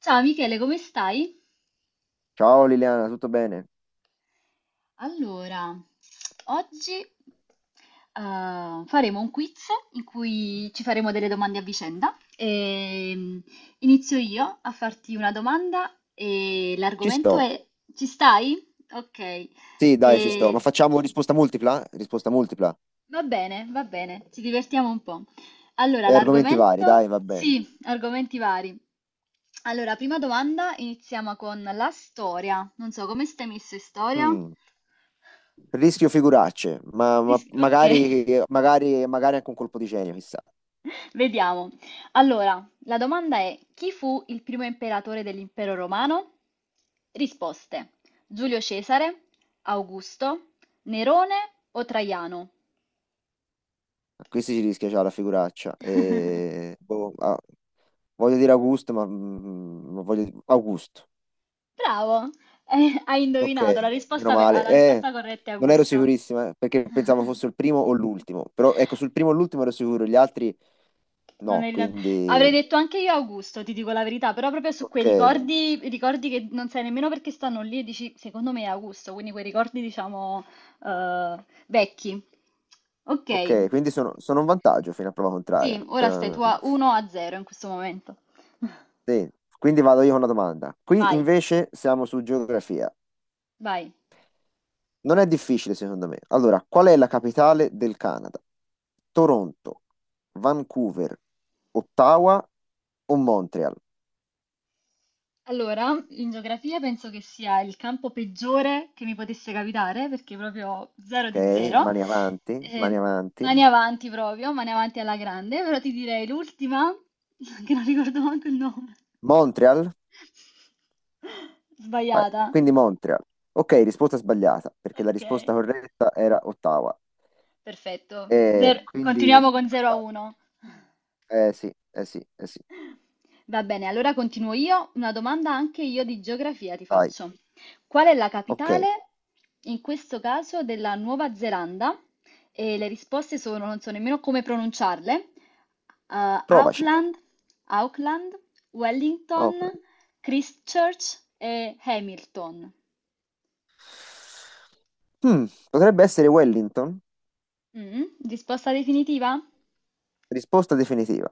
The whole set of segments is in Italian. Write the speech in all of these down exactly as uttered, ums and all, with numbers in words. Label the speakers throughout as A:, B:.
A: Ciao Michele, come stai?
B: Ciao Liliana, tutto bene?
A: Allora, oggi eh, faremo un quiz in cui ci faremo delle domande a vicenda. E, mm, inizio io a farti una domanda e
B: Ci
A: l'argomento
B: sto.
A: è... Ci stai? Ok. Sì.
B: Sì, dai, ci sto. Ma
A: E-
B: facciamo risposta multipla? Risposta multipla.
A: Va bene, va bene, ci divertiamo un po'. Allora,
B: E argomenti vari, dai,
A: l'argomento?
B: va bene.
A: Sì, argomenti vari. Allora, prima domanda, iniziamo con la storia. Non so, come stai messo in storia?
B: Mm. Rischio figuracce, ma, ma-
A: Ris- Ok,
B: magari, magari, magari anche un colpo di genio, chissà.
A: vediamo. Allora, la domanda è: chi fu il primo imperatore dell'impero romano? Risposte: Giulio Cesare, Augusto, Nerone o Traiano?
B: A questi ci rischia già la figuraccia. Eh, boh, ah, voglio dire Augusto, ma mm, ma voglio dire Augusto.
A: Bravo, eh, hai
B: Ok,
A: indovinato, la
B: meno
A: risposta, ve-
B: male.
A: la
B: Eh,
A: risposta corretta è
B: non ero
A: Augusto.
B: sicurissima eh, perché pensavo fosse il primo o l'ultimo. Però ecco, sul primo e l'ultimo ero sicuro, gli altri
A: Non è
B: no,
A: evidente. Avrei
B: quindi...
A: detto anche io Augusto, ti dico la verità, però proprio su quei
B: Ok,
A: ricordi, ricordi che non sai nemmeno perché stanno lì e dici, secondo me è Augusto, quindi quei ricordi diciamo eh, vecchi. Ok,
B: ok, quindi sono, sono un vantaggio fino a prova contraria.
A: sì, ora stai tu
B: Per-
A: a uno a zero in questo momento.
B: sì. Quindi vado io con una domanda. Qui
A: Vai,
B: invece siamo su geografia.
A: vai.
B: Non è difficile secondo me. Allora, qual è la capitale del Canada? Toronto, Vancouver, Ottawa o Montreal?
A: Allora, in geografia penso che sia il campo peggiore che mi potesse capitare, perché proprio zero di
B: Ok,
A: zero.
B: mani avanti, mani
A: Eh,
B: avanti.
A: mani avanti proprio, mani avanti alla grande, però ti direi l'ultima, che non ricordo manco il nome.
B: Montreal? Vai,
A: Sbagliata.
B: quindi Montreal. Ok, risposta sbagliata, perché la
A: Ok,
B: risposta corretta era Ottawa.
A: perfetto.
B: E
A: Zero-
B: quindi...
A: Continuiamo con zero a uno.
B: Eh sì, eh sì, eh sì.
A: Va bene, allora continuo io. Una domanda anche io di geografia ti
B: Dai,
A: faccio. Qual è la
B: ok,
A: capitale, in questo caso, della Nuova Zelanda? E le risposte sono, non so nemmeno come pronunciarle. Eh,
B: provaci.
A: Auckland, Auckland, Wellington,
B: Auckland.
A: Christchurch e Hamilton.
B: Hmm, potrebbe essere Wellington?
A: Mm, risposta definitiva?
B: Risposta definitiva.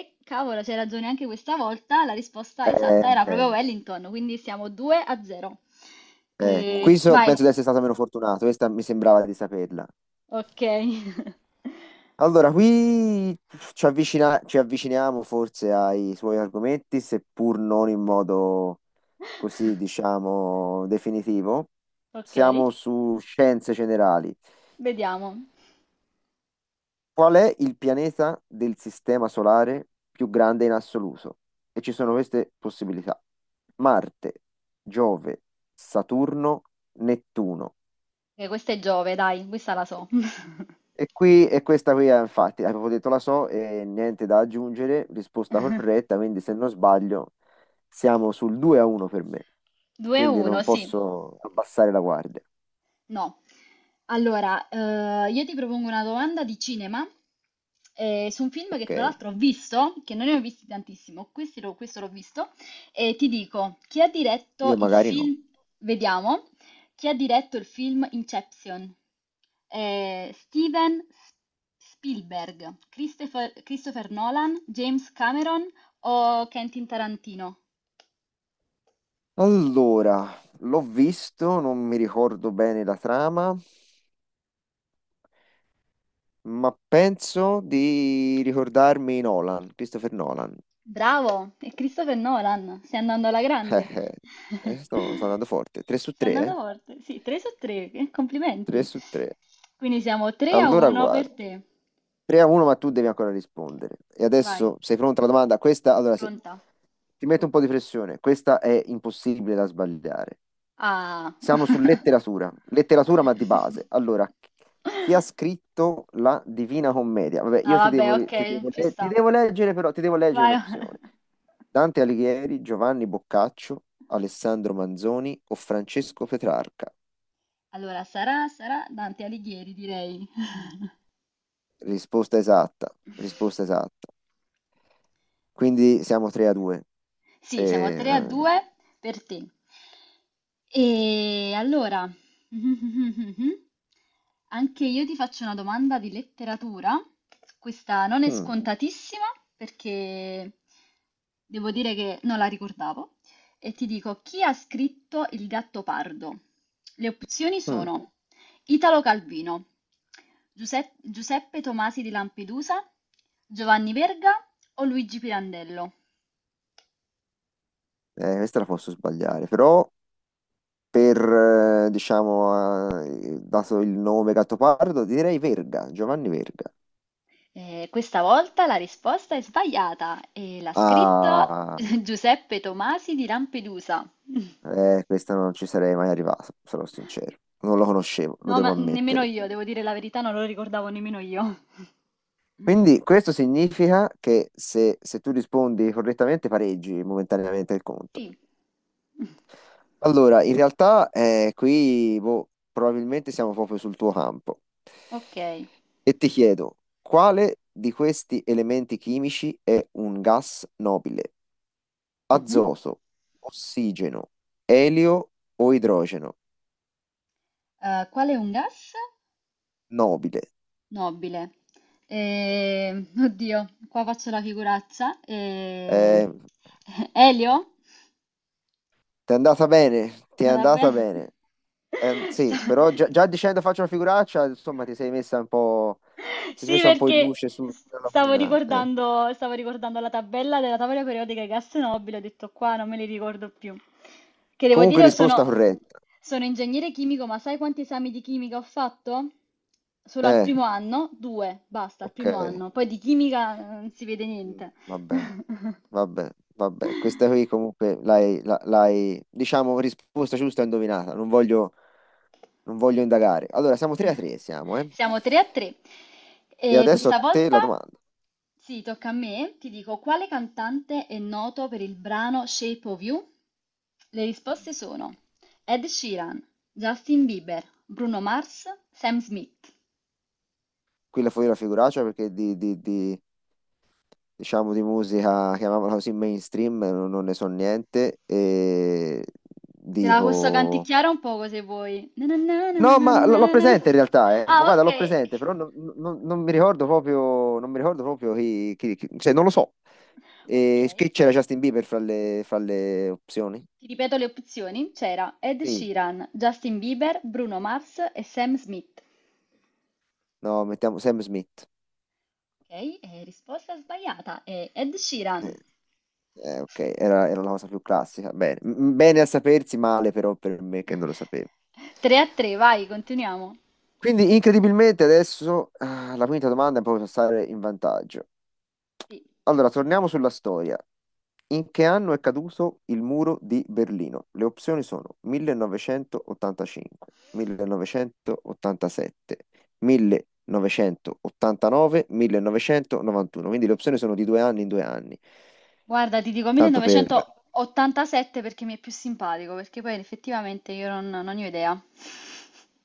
A: E cavolo, c'hai ragione anche questa volta, la risposta
B: Eh,
A: esatta era proprio
B: eh,
A: Wellington, quindi siamo due a zero. Mm.
B: eh.
A: E
B: Qui so-
A: vai.
B: penso di essere stato meno fortunato, questa mi sembrava di saperla.
A: Ok.
B: Allora, qui ci avvicina- ci avviciniamo forse ai suoi argomenti, seppur non in modo così, diciamo, definitivo.
A: Ok,
B: Siamo su scienze generali.
A: vediamo.
B: Qual è il pianeta del sistema solare più grande in assoluto? E ci sono queste possibilità. Marte, Giove, Saturno, Nettuno.
A: Eh, questa è Giove, dai, questa la so.
B: E qui, e questa qui è infatti, avevo detto la so e niente da aggiungere, risposta corretta, quindi se non sbaglio siamo sul due a uno per me,
A: due a
B: quindi non
A: uno, sì.
B: posso abbassare la guardia.
A: No. Allora, eh, io ti propongo una domanda di cinema eh, su un film che
B: Ok,
A: tra l'altro ho visto, che non ne ho visti tantissimo, questi l'ho- questo l'ho visto, e ti dico, chi ha diretto
B: io
A: il
B: magari no.
A: film, vediamo, chi ha diretto il film Inception? Eh, Steven S- Spielberg, Christopher, Christopher Nolan, James Cameron o Quentin Tarantino?
B: Allora, l'ho visto, non mi ricordo bene la trama. ma penso di ricordarmi Nolan, Christopher Nolan.
A: Bravo, è Christopher Nolan, stai andando alla
B: Eh,
A: grande.
B: eh, eh, sto, sto andando forte. tre su
A: Stai
B: tre,
A: andando
B: eh?
A: forte. Sì, tre su tre,
B: tre
A: complimenti.
B: su tre.
A: Quindi siamo tre a
B: Allora,
A: uno
B: guarda.
A: per te.
B: tre a uno, ma tu devi ancora rispondere. E
A: Vai,
B: adesso sei pronta alla domanda? Questa, allora, se...
A: pronta.
B: ti metto un po' di pressione. Questa è impossibile da sbagliare.
A: Ah.
B: Siamo su letteratura. Letteratura, ma di base. Allora, chi ha scritto la Divina Commedia? Vabbè,
A: Ah,
B: io ti
A: vabbè,
B: devo, ri- ti
A: ok,
B: devo
A: ci
B: le- ti
A: sta.
B: devo leggere, però, ti devo leggere
A: Vai.
B: l'opzione. Dante Alighieri, Giovanni Boccaccio, Alessandro Manzoni o Francesco Petrarca?
A: Allora, sarà, sarà Dante Alighieri, direi.
B: Risposta esatta, risposta esatta. Quindi siamo tre a due.
A: Sì, siamo
B: Eh,
A: tre a due per te. E allora, anche io ti faccio una domanda di letteratura. Questa non è
B: mm,
A: scontatissima perché devo dire che non la ricordavo. E ti dico, chi ha scritto Il gatto pardo? Le opzioni
B: mm,
A: sono Italo Calvino, Giuseppe, Giuseppe Tomasi di Lampedusa, Giovanni Verga o Luigi Pirandello?
B: eh, questa la posso sbagliare, però per, eh, diciamo, eh, dato il nome Gattopardo, direi Verga, Giovanni Verga.
A: Eh, questa volta la risposta è sbagliata e l'ha scritto
B: Ah,
A: Giuseppe Tomasi di Lampedusa.
B: eh, questa non ci sarei mai arrivato, sarò sincero. Non lo conoscevo, lo
A: No, ma
B: devo
A: nemmeno
B: ammettere.
A: io, devo dire la verità, non lo ricordavo nemmeno io.
B: Quindi questo significa che se, se tu rispondi correttamente pareggi momentaneamente il conto.
A: Sì.
B: Allora, in realtà eh, qui boh, probabilmente siamo proprio sul tuo campo.
A: Ok.
B: E ti chiedo, quale di questi elementi chimici è un gas nobile?
A: Mhm.
B: Azoto, ossigeno, elio o idrogeno?
A: Eh, qual è un gas
B: Nobile.
A: nobile? Eh, oddio, qua faccio la figuraccia.
B: Eh,
A: Eh, Elio?
B: Ti è andata bene, ti è
A: Va
B: andata
A: bene.
B: bene. Eh, sì,
A: Sta-
B: però già, già dicendo faccio una figuraccia, insomma, ti sei messa un po', ti sei
A: Sì,
B: messa un po' in
A: perché
B: luce su-
A: s-
B: sulla
A: stavo
B: laguna. Eh.
A: ricordando, stavo ricordando la tabella della tavola periodica di gas nobili, ho detto qua non me li ricordo più. Che devo dire,
B: Comunque
A: io
B: risposta
A: sono,
B: corretta.
A: sono ingegnere chimico, ma sai quanti esami di chimica ho fatto? Solo al
B: Eh,
A: primo anno? Due, basta, al
B: ok.
A: primo anno. Poi di chimica eh, non si vede
B: Mm,
A: niente.
B: Vabbè, vabbè, vabbè. Questa qui comunque l'hai, la- l'hai, diciamo, risposta giusta e indovinata. Non voglio, non voglio indagare. Allora, siamo tre a tre, siamo, eh.
A: Siamo tre a tre
B: E
A: e
B: adesso a
A: questa
B: te
A: volta
B: la domanda.
A: sì, tocca a me. Ti dico quale cantante è noto per il brano Shape of You? Le risposte sono Ed Sheeran, Justin Bieber, Bruno Mars, Sam Smith.
B: Qui la fuori la figuraccia perché di, di, di- diciamo di musica, chiamiamola così, mainstream, non, non ne so niente e
A: Te la posso
B: dico...
A: canticchiare un poco se vuoi. Na na na na na
B: No,
A: na
B: ma l- l'ho
A: na na.
B: presente in realtà, eh. Ma
A: Ah,
B: guarda,
A: ok.
B: l'ho presente, però non, non- non mi ricordo proprio, non mi ricordo proprio chi, chi- chi- cioè non lo so.
A: Ok.
B: E che c'era Justin Bieber fra le, fra le opzioni?
A: Ti ripeto le opzioni. C'era Ed
B: Sì,
A: Sheeran, Justin Bieber, Bruno Mars e Sam Smith.
B: no, mettiamo Sam Smith.
A: Ok, eh, risposta sbagliata, è Ed
B: Eh,
A: Sheeran.
B: eh, ok, era, era una cosa più classica. Bene, M- bene a sapersi, male però per me che non lo sapevo.
A: tre a tre, vai, continuiamo.
B: Quindi incredibilmente adesso ah, la quinta domanda è proprio per stare in vantaggio.
A: Sì.
B: Allora, torniamo sulla storia. In che anno è caduto il muro di Berlino? Le opzioni sono millenovecentottantacinque, millenovecentottantasette, millenovecentottantanove, millenovecentonovantuno. Quindi le opzioni sono di due anni in due anni,
A: Guarda, ti dico
B: tanto per
A: millenovecentottantasette perché mi è più simpatico, perché poi effettivamente io non, non ne ho idea.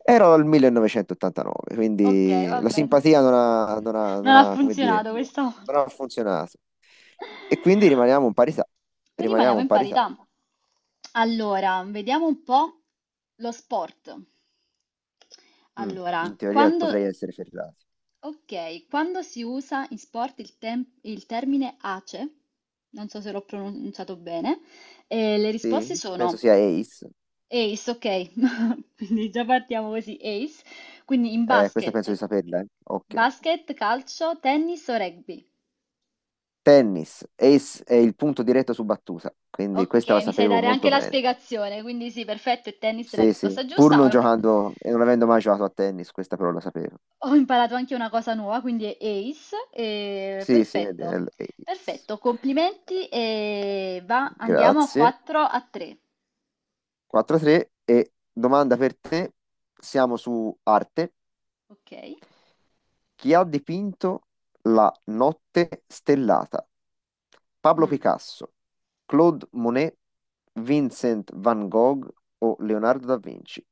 B: Ero al millenovecentottantanove,
A: Ok,
B: quindi
A: va
B: la
A: bene.
B: simpatia non ha, non ha-
A: Non
B: non
A: ha
B: ha, come dire,
A: funzionato questa
B: non
A: volta.
B: ha funzionato. E quindi rimaniamo in parità. Rimaniamo
A: Rimaniamo
B: in
A: in
B: parità.
A: parità. Allora, vediamo un po' lo sport.
B: Mm,
A: Allora,
B: in teoria
A: quando
B: potrei essere ferrati.
A: Ok, quando si usa in sport il, tem- il termine ACE, non so se l'ho pronunciato bene, eh, le risposte
B: Sì, penso
A: sono
B: sia ace.
A: ace, ok, quindi già partiamo così, ace, quindi in
B: Eh, questa penso di
A: basket,
B: saperla, eh. Occhio.
A: basket, calcio, tennis o rugby.
B: Tennis. Ace è il punto diretto su battuta, quindi
A: Ok,
B: questa la
A: mi sai
B: sapevo
A: dare anche
B: molto
A: la
B: bene.
A: spiegazione, quindi sì, perfetto, il tennis è la
B: Sì, sì,
A: risposta
B: pur non
A: giusta.
B: giocando e non avendo mai giocato a tennis, questa però la sapevo.
A: Ho imparato anche una cosa nuova, quindi è ace, e
B: Sì, sì, è
A: perfetto,
B: del ace.
A: perfetto, complimenti e va, andiamo a
B: Grazie.
A: quattro a tre,
B: quattro a tre e domanda per te, siamo su arte.
A: ok?
B: Chi ha dipinto la notte stellata? Pablo
A: Mm.
B: Picasso, Claude Monet, Vincent van Gogh o Leonardo da Vinci?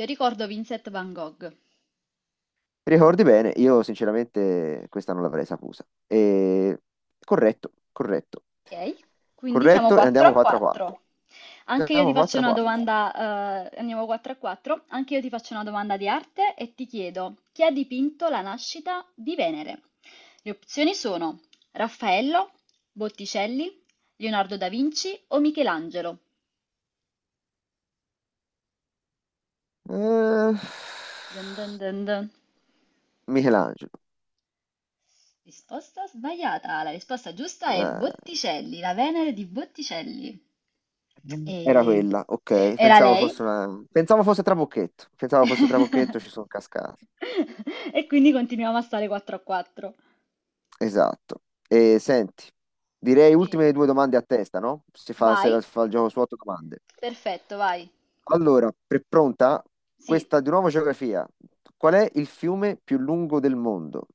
A: Io ricordo Vincent Van Gogh.
B: Ricordi bene, io sinceramente questa non l'avrei saputa. E... Corretto, corretto,
A: Ok, quindi siamo
B: corretto e
A: quattro
B: andiamo
A: a
B: quattro a quattro.
A: quattro. Anche io ti
B: Andiamo
A: faccio una
B: quattro a quattro.
A: domanda, eh, andiamo quattro a quattro. Anche io ti faccio una domanda di arte e ti chiedo chi ha dipinto la nascita di Venere? Le opzioni sono Raffaello, Botticelli, Leonardo da Vinci o Michelangelo.
B: Eh,
A: Dun dun dun dun.
B: Michelangelo.
A: Risposta sbagliata. La risposta giusta è
B: Eh,
A: Botticelli, la Venere di Botticelli.
B: Era
A: E-
B: quella, ok.
A: Era
B: Pensavo
A: lei?
B: fosse una... Pensavo fosse Trabocchetto. Pensavo fosse Trabocchetto, ci sono cascato.
A: E quindi continuiamo a stare quattro a quattro.
B: Esatto. E senti, direi
A: Sì,
B: ultime due domande a testa, no? Si fa,
A: vai,
B: se- si fa il gioco su otto domande.
A: perfetto, vai.
B: Allora, pre- pronta?
A: Sì.
B: Questa di nuovo geografia. Qual è il fiume più lungo del mondo?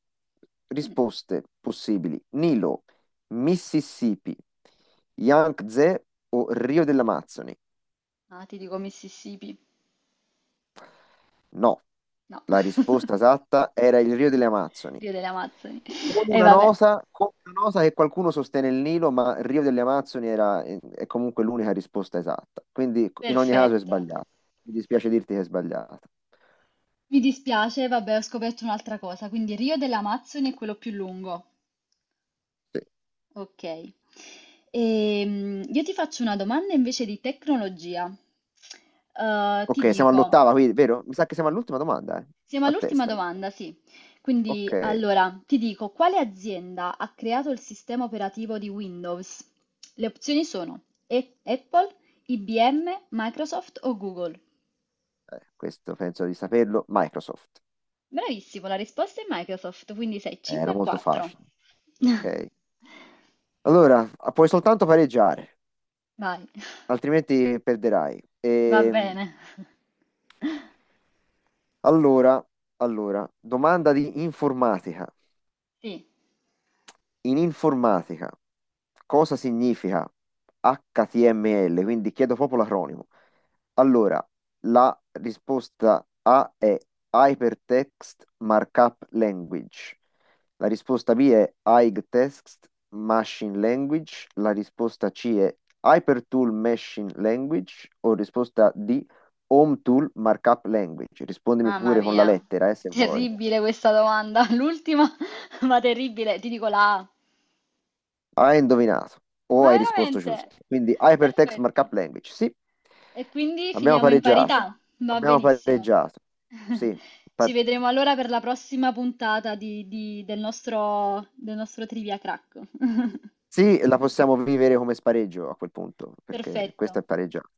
A: Mm.
B: Risposte possibili. Nilo, Mississippi, Yangtze o Rio dell'Amazzoni?
A: Ah, ti dico Mississippi.
B: No,
A: No,
B: la risposta esatta era il Rio delle Amazzoni.
A: Rio delle Amazzoni.
B: Con
A: E
B: una
A: vabbè,
B: nota, con una nota che qualcuno sostiene il Nilo, ma il Rio delle Amazzoni era, eh, è comunque l'unica risposta esatta. Quindi in ogni caso è
A: perfetto.
B: sbagliata. Mi dispiace dirti che è sbagliata.
A: Mi dispiace, vabbè, ho scoperto un'altra cosa. Quindi Rio delle Amazzoni è quello più lungo.
B: Sì.
A: Ok. Ehm, io ti faccio una domanda invece di tecnologia. Eh, ti
B: Ok, siamo
A: dico,
B: all'ottava, quindi, vero? Mi sa che siamo all'ultima domanda, eh?
A: Siamo
B: A
A: all'ultima
B: testa.
A: domanda, sì.
B: Ok,
A: Quindi,
B: eh,
A: allora, ti dico, quale azienda ha creato il sistema operativo di Windows? Le opzioni sono E- Apple, I B M, Microsoft o Google.
B: questo penso di saperlo. Microsoft.
A: Bravissimo, la risposta è Microsoft, quindi sei
B: Eh,
A: cinque
B: era
A: e
B: molto facile.
A: quattro.
B: Ok. Allora, puoi soltanto pareggiare,
A: Vai,
B: altrimenti perderai.
A: va
B: Ehm,
A: bene.
B: Allora, allora, domanda di informatica.
A: Sì,
B: In informatica, cosa significa H T M L? Quindi chiedo proprio l'acronimo. Allora, la risposta A è Hypertext Markup Language. La risposta B è Text Machine Language. La risposta C è Hypertool Machine Language. O risposta D, Home Tool Markup Language. Rispondimi
A: mamma
B: pure con la
A: mia,
B: lettera, eh, se vuoi.
A: terribile questa domanda, l'ultima, ma terribile, ti dico la A.
B: Hai indovinato o
A: Ma
B: hai risposto
A: veramente?
B: giusto. Quindi Hypertext
A: Perfetto.
B: Markup Language. Sì,
A: E quindi
B: abbiamo
A: finiamo in
B: pareggiato.
A: parità. Va
B: Abbiamo
A: benissimo.
B: pareggiato. Sì,
A: Ci
B: pa-
A: vedremo allora per la prossima puntata di- di- del nostro, del nostro Trivia Crack.
B: sì, la possiamo vivere come spareggio a quel punto, perché
A: Perfetto.
B: questa è pareggiata.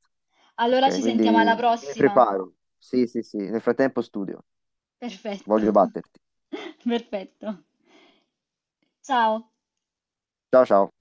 A: Allora
B: Ok,
A: ci
B: quindi
A: sentiamo alla
B: mi
A: prossima.
B: preparo. Sì, sì, sì. Nel frattempo studio.
A: Perfetto.
B: Voglio batterti.
A: Perfetto. Ciao.
B: Ciao, ciao.